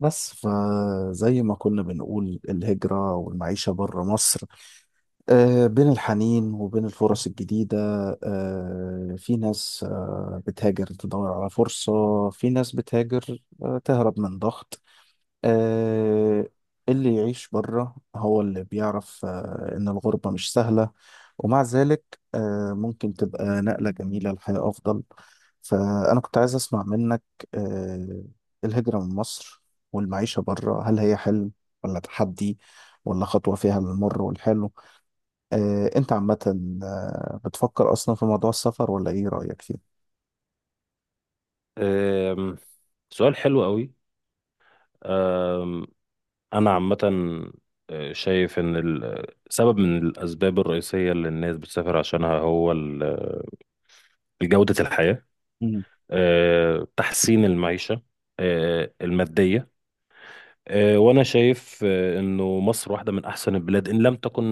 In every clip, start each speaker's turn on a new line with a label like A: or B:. A: بس فزي ما كنا بنقول الهجرة والمعيشة بره مصر. بين الحنين وبين الفرص الجديدة. في ناس بتهاجر تدور على فرصة. في ناس بتهاجر تهرب من ضغط. آه، اللي يعيش بره هو اللي بيعرف إن الغربة مش سهلة، ومع ذلك ممكن تبقى نقلة جميلة لحياة أفضل. فأنا كنت عايز أسمع منك، آه، الهجرة من مصر والمعيشة بره، هل هي حلم ولا تحدي ولا خطوة فيها للمر والحلو؟ أنت عامة بتفكر أصلا في موضوع السفر ولا إيه رأيك فيه؟
B: أم، سؤال حلو قوي. أم، انا عامه شايف ان سبب من الاسباب الرئيسيه اللي الناس بتسافر عشانها هو جوده الحياه.
A: مم.
B: تحسين المعيشه الماديه. وانا شايف انه مصر واحده من احسن البلاد ان لم تكن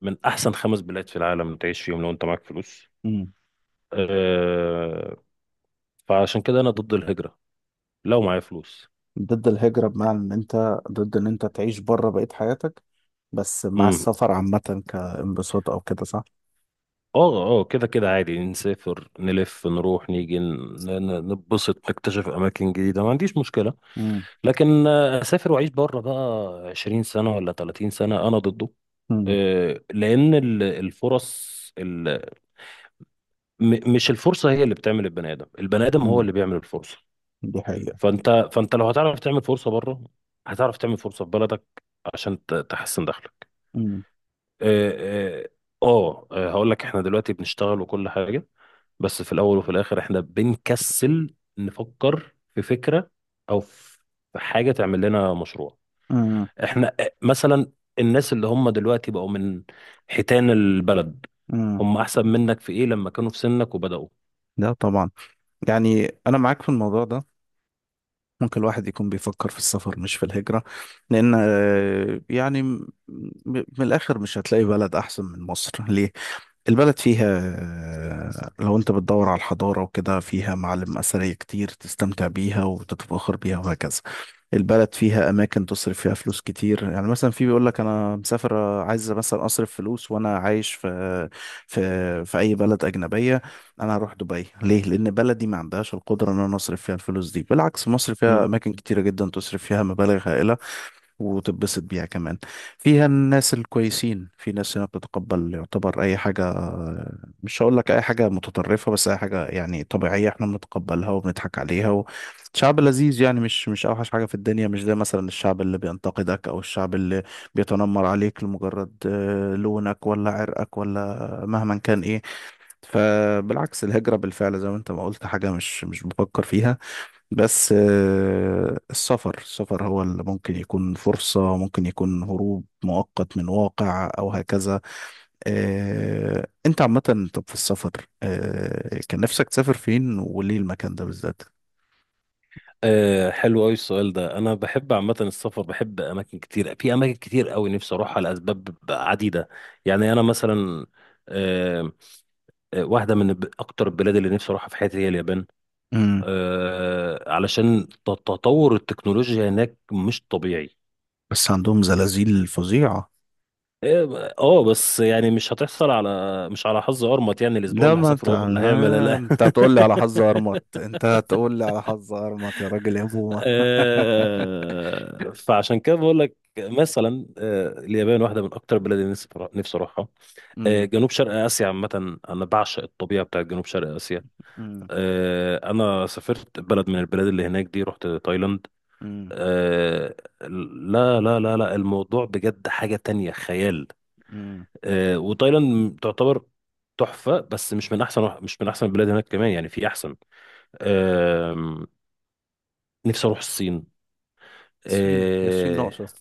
B: من احسن خمس بلاد في العالم تعيش فيهم لو انت معاك فلوس.
A: مم.
B: أه، فعشان كده انا ضد الهجره لو معايا فلوس.
A: ضد الهجرة بمعنى إن أنت ضد إن أنت تعيش بره بقية حياتك، بس مع السفر عامة كانبساط أو كده، صح؟
B: اه، اه، كده كده عادي نسافر نلف نروح نيجي نتبسط نكتشف اماكن جديده، ما عنديش مشكله.
A: مم.
B: لكن اسافر واعيش بره بقى 20 سنه ولا 30 سنه انا ضده.
A: مم.
B: لان الفرص ال- مش الفرصه هي اللي بتعمل البني ادم، البني ادم هو
A: مم.
B: اللي بيعمل الفرصه.
A: دي حقيقة.
B: فانت لو هتعرف تعمل فرصه بره هتعرف تعمل فرصه في بلدك عشان تحسن دخلك.
A: مم.
B: اه. هقول لك احنا دلوقتي بنشتغل وكل حاجة، بس في الأول وفي الآخر احنا بنكسل نفكر في فكرة أو في حاجة تعمل لنا مشروع.
A: مم.
B: احنا مثلا الناس اللي هم دلوقتي بقوا من حيتان البلد،
A: مم.
B: هم أحسن منك في إيه لما كانوا في سنك وبدأوا؟
A: لا طبعا، يعني أنا معاك في الموضوع ده. ممكن الواحد يكون بيفكر في السفر مش في الهجرة، لأن يعني من الآخر مش هتلاقي بلد أحسن من مصر. ليه؟ البلد فيها، لو انت بتدور على الحضارة وكده، فيها معالم أثرية كتير تستمتع بيها وتتفاخر بيها وهكذا. البلد فيها أماكن تصرف فيها فلوس كتير. يعني مثلا في بيقول لك أنا مسافر، عايز مثلا أصرف فلوس وأنا عايش في أي بلد أجنبية. أنا هروح دبي ليه؟ لأن بلدي ما عندهاش القدرة إن أنا أصرف فيها الفلوس دي. بالعكس، مصر فيها
B: مم.
A: أماكن كتيرة جدا تصرف فيها مبالغ هائلة وتتبسط بيها كمان. فيها الناس الكويسين، في ناس هنا بتتقبل يعتبر أي حاجة. مش هقول لك أي حاجة متطرفة، بس أي حاجة يعني طبيعية احنا بنتقبلها وبنضحك عليها. وشعب لذيذ، يعني مش أوحش حاجة في الدنيا، مش زي مثلا الشعب اللي بينتقدك أو الشعب اللي بيتنمر عليك لمجرد لونك ولا عرقك ولا مهما كان إيه. فبالعكس، الهجرة بالفعل زي ما أنت ما قلت، حاجة مش بفكر فيها. بس السفر السفر هو اللي ممكن يكون فرصة، ممكن يكون هروب مؤقت من واقع أو هكذا. أنت عامة، طب في السفر كان نفسك تسافر فين وليه المكان ده بالذات؟
B: حلو قوي السؤال ده. انا بحب عامه السفر، بحب اماكن كتير، في اماكن كتير قوي نفسي اروحها لاسباب عديده. يعني انا مثلا آه، واحدة من أكتر البلاد اللي نفسي أروحها في حياتي هي اليابان.
A: مم.
B: علشان تطور التكنولوجيا هناك مش طبيعي.
A: بس عندهم زلازل فظيعة.
B: اه. بس يعني مش هتحصل على، مش على حظ أرمط. يعني الأسبوع
A: لا،
B: اللي
A: ما انت
B: هسافره هو اللي هيعمل لا.
A: انت هتقول لي على حظ ارمط، انت هتقول لي على حظ ارمط يا راجل يا بومة.
B: فعشان كده بقول لك مثلا اليابان واحدة من أكتر البلاد اللي نفسي أروحها.
A: امم.
B: جنوب شرق آسيا عامة، أنا بعشق الطبيعة بتاعت جنوب شرق آسيا.
A: امم.
B: أنا سافرت بلد من البلاد اللي هناك دي، رحت تايلاند.
A: امم.
B: آه لا، لا، لا، لا، الموضوع بجد حاجة تانية، خيال.
A: امم.
B: وتايلاند تعتبر تحفة، بس مش من أحسن البلاد هناك كمان. يعني في أحسن. آه نفسي أروح الصين.
A: الصين؟ هي الصين
B: آه
A: ناقصة.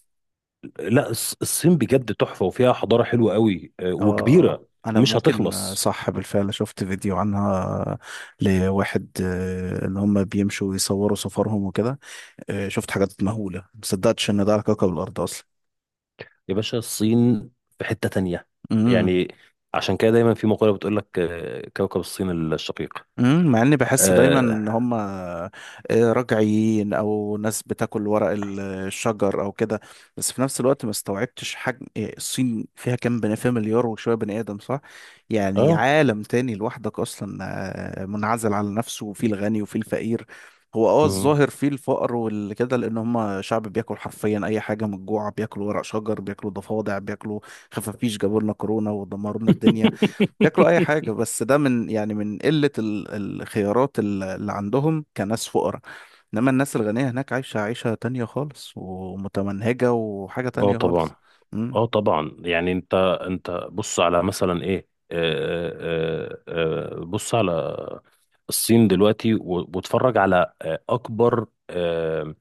B: لا، الصين بجد تحفة وفيها حضارة حلوة قوي
A: اه،
B: وكبيرة.
A: انا
B: مش
A: ممكن
B: هتخلص.
A: صح، بالفعل شفت فيديو عنها لواحد ان هم بيمشوا ويصوروا سفرهم وكده. شفت حاجات مهولة، مصدقتش ان ده على كوكب الارض
B: يا باشا، الصين في حتة تانية.
A: اصلا.
B: يعني عشان كده دايما في مقولة بتقول لك كوكب الصين الشقيق.
A: مم، مع اني بحس دايما
B: اه،
A: ان هم رجعيين او ناس بتاكل ورق الشجر او كده، بس في نفس الوقت ما استوعبتش حجم، إيه، الصين فيها كام بني، فيها مليار وشويه بني ادم، صح؟ يعني
B: اه،
A: عالم تاني لوحدك اصلا، منعزل على نفسه، وفيه الغني وفيه الفقير. هو
B: مم.
A: الظاهر فيه الفقر والكده، لان هم شعب بياكل حرفيا اي حاجه من الجوع، بياكلوا ورق شجر، بياكلوا ضفادع، بياكلوا خفافيش، جابوا لنا كورونا ودمروا لنا الدنيا. ياكلوا اي حاجه، بس ده من، يعني، من قله الخيارات اللي عندهم كناس فقراء. انما الناس الغنيه هناك عايشه عيشه تانية خالص ومتمنهجه وحاجه
B: اه،
A: تانية
B: طبعا.
A: خالص. امم.
B: اه، طبعا. يعني انت بص على مثلا ايه. بص على الصين دلوقتي واتفرج على اكبر آه،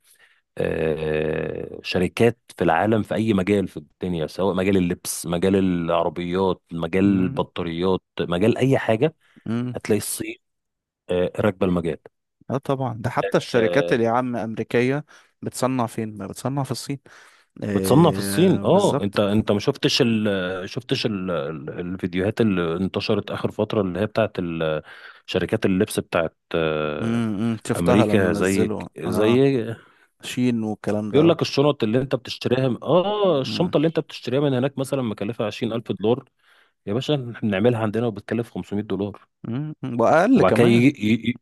B: آه، شركات في العالم في اي مجال في الدنيا، سواء مجال اللبس، مجال العربيات، مجال
A: امم.
B: البطاريات، مجال اي حاجة.
A: امم.
B: هتلاقي الصين راكبة المجال.
A: اه طبعا. ده حتى الشركات
B: آه،
A: اللي يا عم امريكيه، بتصنع فين ما بتصنع؟ في الصين.
B: بتصنع في الصين.
A: إيه
B: اه، انت
A: بالظبط.
B: انت ما شفتش ال شفتش ال الفيديوهات اللي انتشرت اخر فتره اللي هي بتاعت شركات اللبس بتاعت
A: امم. إمم. شفتها لما
B: امريكا، زي،
A: نزلوا، اه،
B: زي.
A: شين والكلام ده،
B: بيقول
A: اه.
B: لك
A: امم.
B: الشنطه اللي انت بتشتريها من هناك مثلا مكلفه 20,000 دولار. يا باشا، احنا بنعملها عندنا وبتكلف 500 دولار.
A: إمم، إمم. واقل
B: وبعد كده
A: كمان.
B: يجي ي- ي-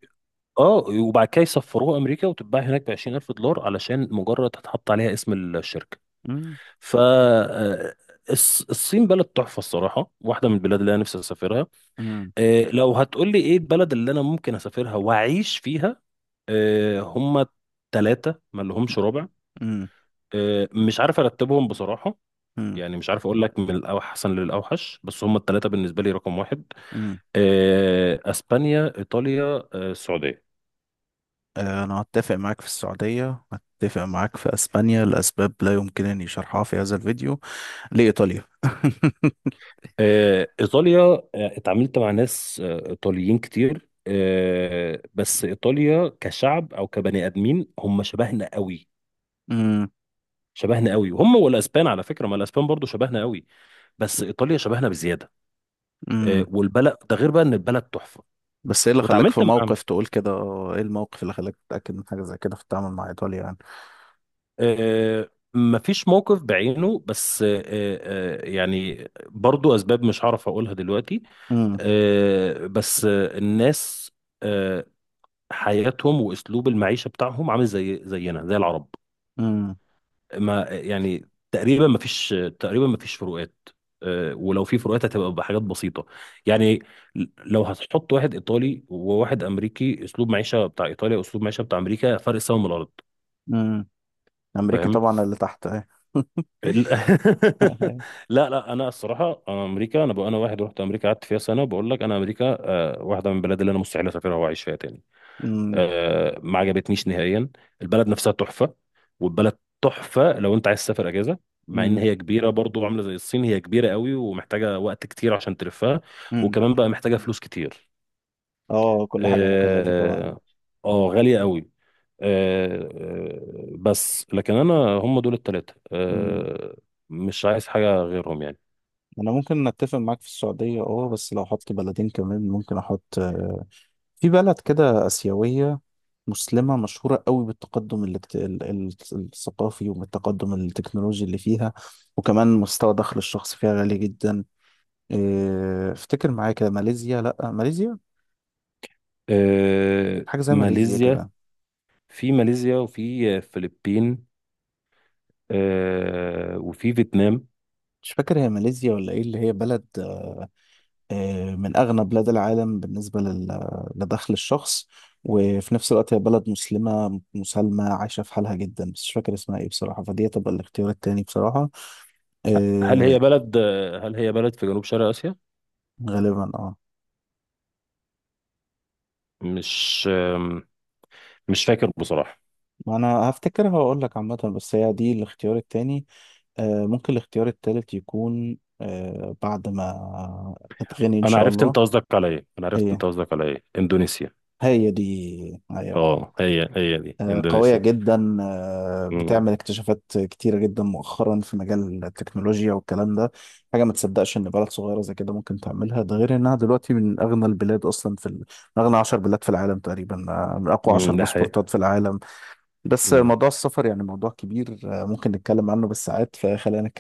B: اه وبعد كده يسفروها امريكا وتتباع هناك ب 20,000 دولار علشان مجرد هتحط عليها اسم الشركه.
A: امم.
B: ف آه، الصين بلد تحفة الصراحة، واحدة من البلاد اللي أنا نفسي أسافرها.
A: امم.
B: لو هتقولي إيه البلد اللي أنا ممكن أسافرها وأعيش فيها، هما تلاتة ما لهمش رابع.
A: امم.
B: مش عارف أرتبهم بصراحة.
A: إمم،
B: يعني مش عارف أقول لك من الأحسن للأوحش، بس هما التلاتة بالنسبة لي رقم واحد.
A: إمم.
B: أسبانيا، إيطاليا، السعودية.
A: أنا أتفق معاك في السعودية، أتفق معاك في أسبانيا لأسباب لا يمكنني شرحها في هذا الفيديو، لإيطاليا
B: إيطاليا، اتعاملت مع ناس إيطاليين كتير. بس إيطاليا كشعب أو كبني آدمين هم شبهنا قوي،
A: أمم،
B: شبهنا قوي. والأسبان على فكرة، ما الأسبان برضو شبهنا قوي، بس إيطاليا شبهنا بزيادة.
A: أمم.
B: والبلد ده غير بقى إن البلد تحفة.
A: بس إيه اللي خلاك
B: واتعاملت
A: في
B: مع
A: موقف تقول كده؟ إيه الموقف اللي خلاك تتأكد من حاجة زي كده في التعامل مع إيطاليا يعني؟
B: آه، آه، مفيش موقف بعينه، بس يعني برضو أسباب مش هعرف أقولها دلوقتي.
A: أمم،
B: بس الناس آه، حياتهم واسلوب المعيشه بتاعهم عامل زي زينا، زي العرب.
A: أمم،
B: ما يعني تقريبا ما فيش فروقات. ولو في فروقات هتبقى بحاجات بسيطه. يعني لو هتحط واحد ايطالي وواحد امريكي، اسلوب معيشه بتاع ايطاليا واسلوب معيشه بتاع امريكا فرق سما من الارض.
A: أمم. أمريكي
B: فاهم؟
A: طبعا اللي تحت أهي.
B: ال- لا، لا، انا الصراحه، انا واحد رحت امريكا قعدت فيها سنه، بقول لك انا امريكا واحده من البلاد اللي انا مستحيل اسافرها واعيش فيها تاني.
A: أمم،
B: ما عجبتنيش نهائيا. البلد نفسها تحفة. والبلد تحفة لو انت عايز تسافر اجازة، مع ان
A: أمم،
B: هي كبيرة برضو عاملة زي الصين، هي كبيرة قوي ومحتاجة وقت كتير عشان تلفها.
A: أمم.
B: وكمان بقى محتاجة فلوس كتير.
A: آه، كل حاجة مكلفة طبعا.
B: اه. غالية قوي. آه، بس لكن انا هم دول التلاتة،
A: أمم.
B: مش عايز حاجة غيرهم يعني.
A: أنا ممكن أتفق معاك في السعودية أه، بس لو أحط بلدين كمان ممكن أحط في بلد كده آسيوية مسلمة مشهورة قوي بالتقدم اللي الثقافي والتقدم التكنولوجي اللي فيها، وكمان مستوى دخل الشخص فيها عالي جدا. إيه، افتكر معايا كده، ماليزيا؟ لا ماليزيا، حاجة زي ماليزيا
B: ماليزيا.
A: كده.
B: في ماليزيا، وفي فلبين، وفي فيتنام.
A: مش فاكر هي ماليزيا ولا ايه، اللي هي بلد من أغنى بلاد العالم بالنسبة لدخل الشخص، وفي نفس الوقت هي بلد مسلمة مسالمة عايشة في حالها جدا، بس مش فاكر اسمها ايه بصراحة، فدي تبقى الاختيار التاني بصراحة.
B: هل
A: آه،
B: هي بلد هل هي بلد في جنوب شرق آسيا؟
A: غالبا اه.
B: مش مش فاكر بصراحة.
A: ما انا هفتكر هقول لك عامه، بس هي دي الاختيار التاني. آه، ممكن الاختيار التالت يكون، آه، بعد ما اتغني ان
B: أنا
A: شاء
B: عرفت
A: الله.
B: أنت قصدك على إيه، أنا عرفت
A: ايه،
B: أنت قصدك على إيه، إندونيسيا.
A: هي دي. ايوه.
B: هي، دي
A: آه، قويه
B: إندونيسيا.
A: جدا، آه
B: امم.
A: بتعمل اكتشافات كتيره جدا مؤخرا في مجال التكنولوجيا والكلام ده. حاجه ما تصدقش ان بلد صغيره زي كده ممكن تعملها. ده غير انها دلوقتي من اغنى البلاد اصلا من اغنى 10 بلاد في العالم تقريبا، من اقوى 10
B: ده
A: باسبورتات
B: حقيقة.
A: في العالم. بس موضوع السفر يعني موضوع كبير، ممكن نتكلم عنه بالساعات، فخلينا نتكلم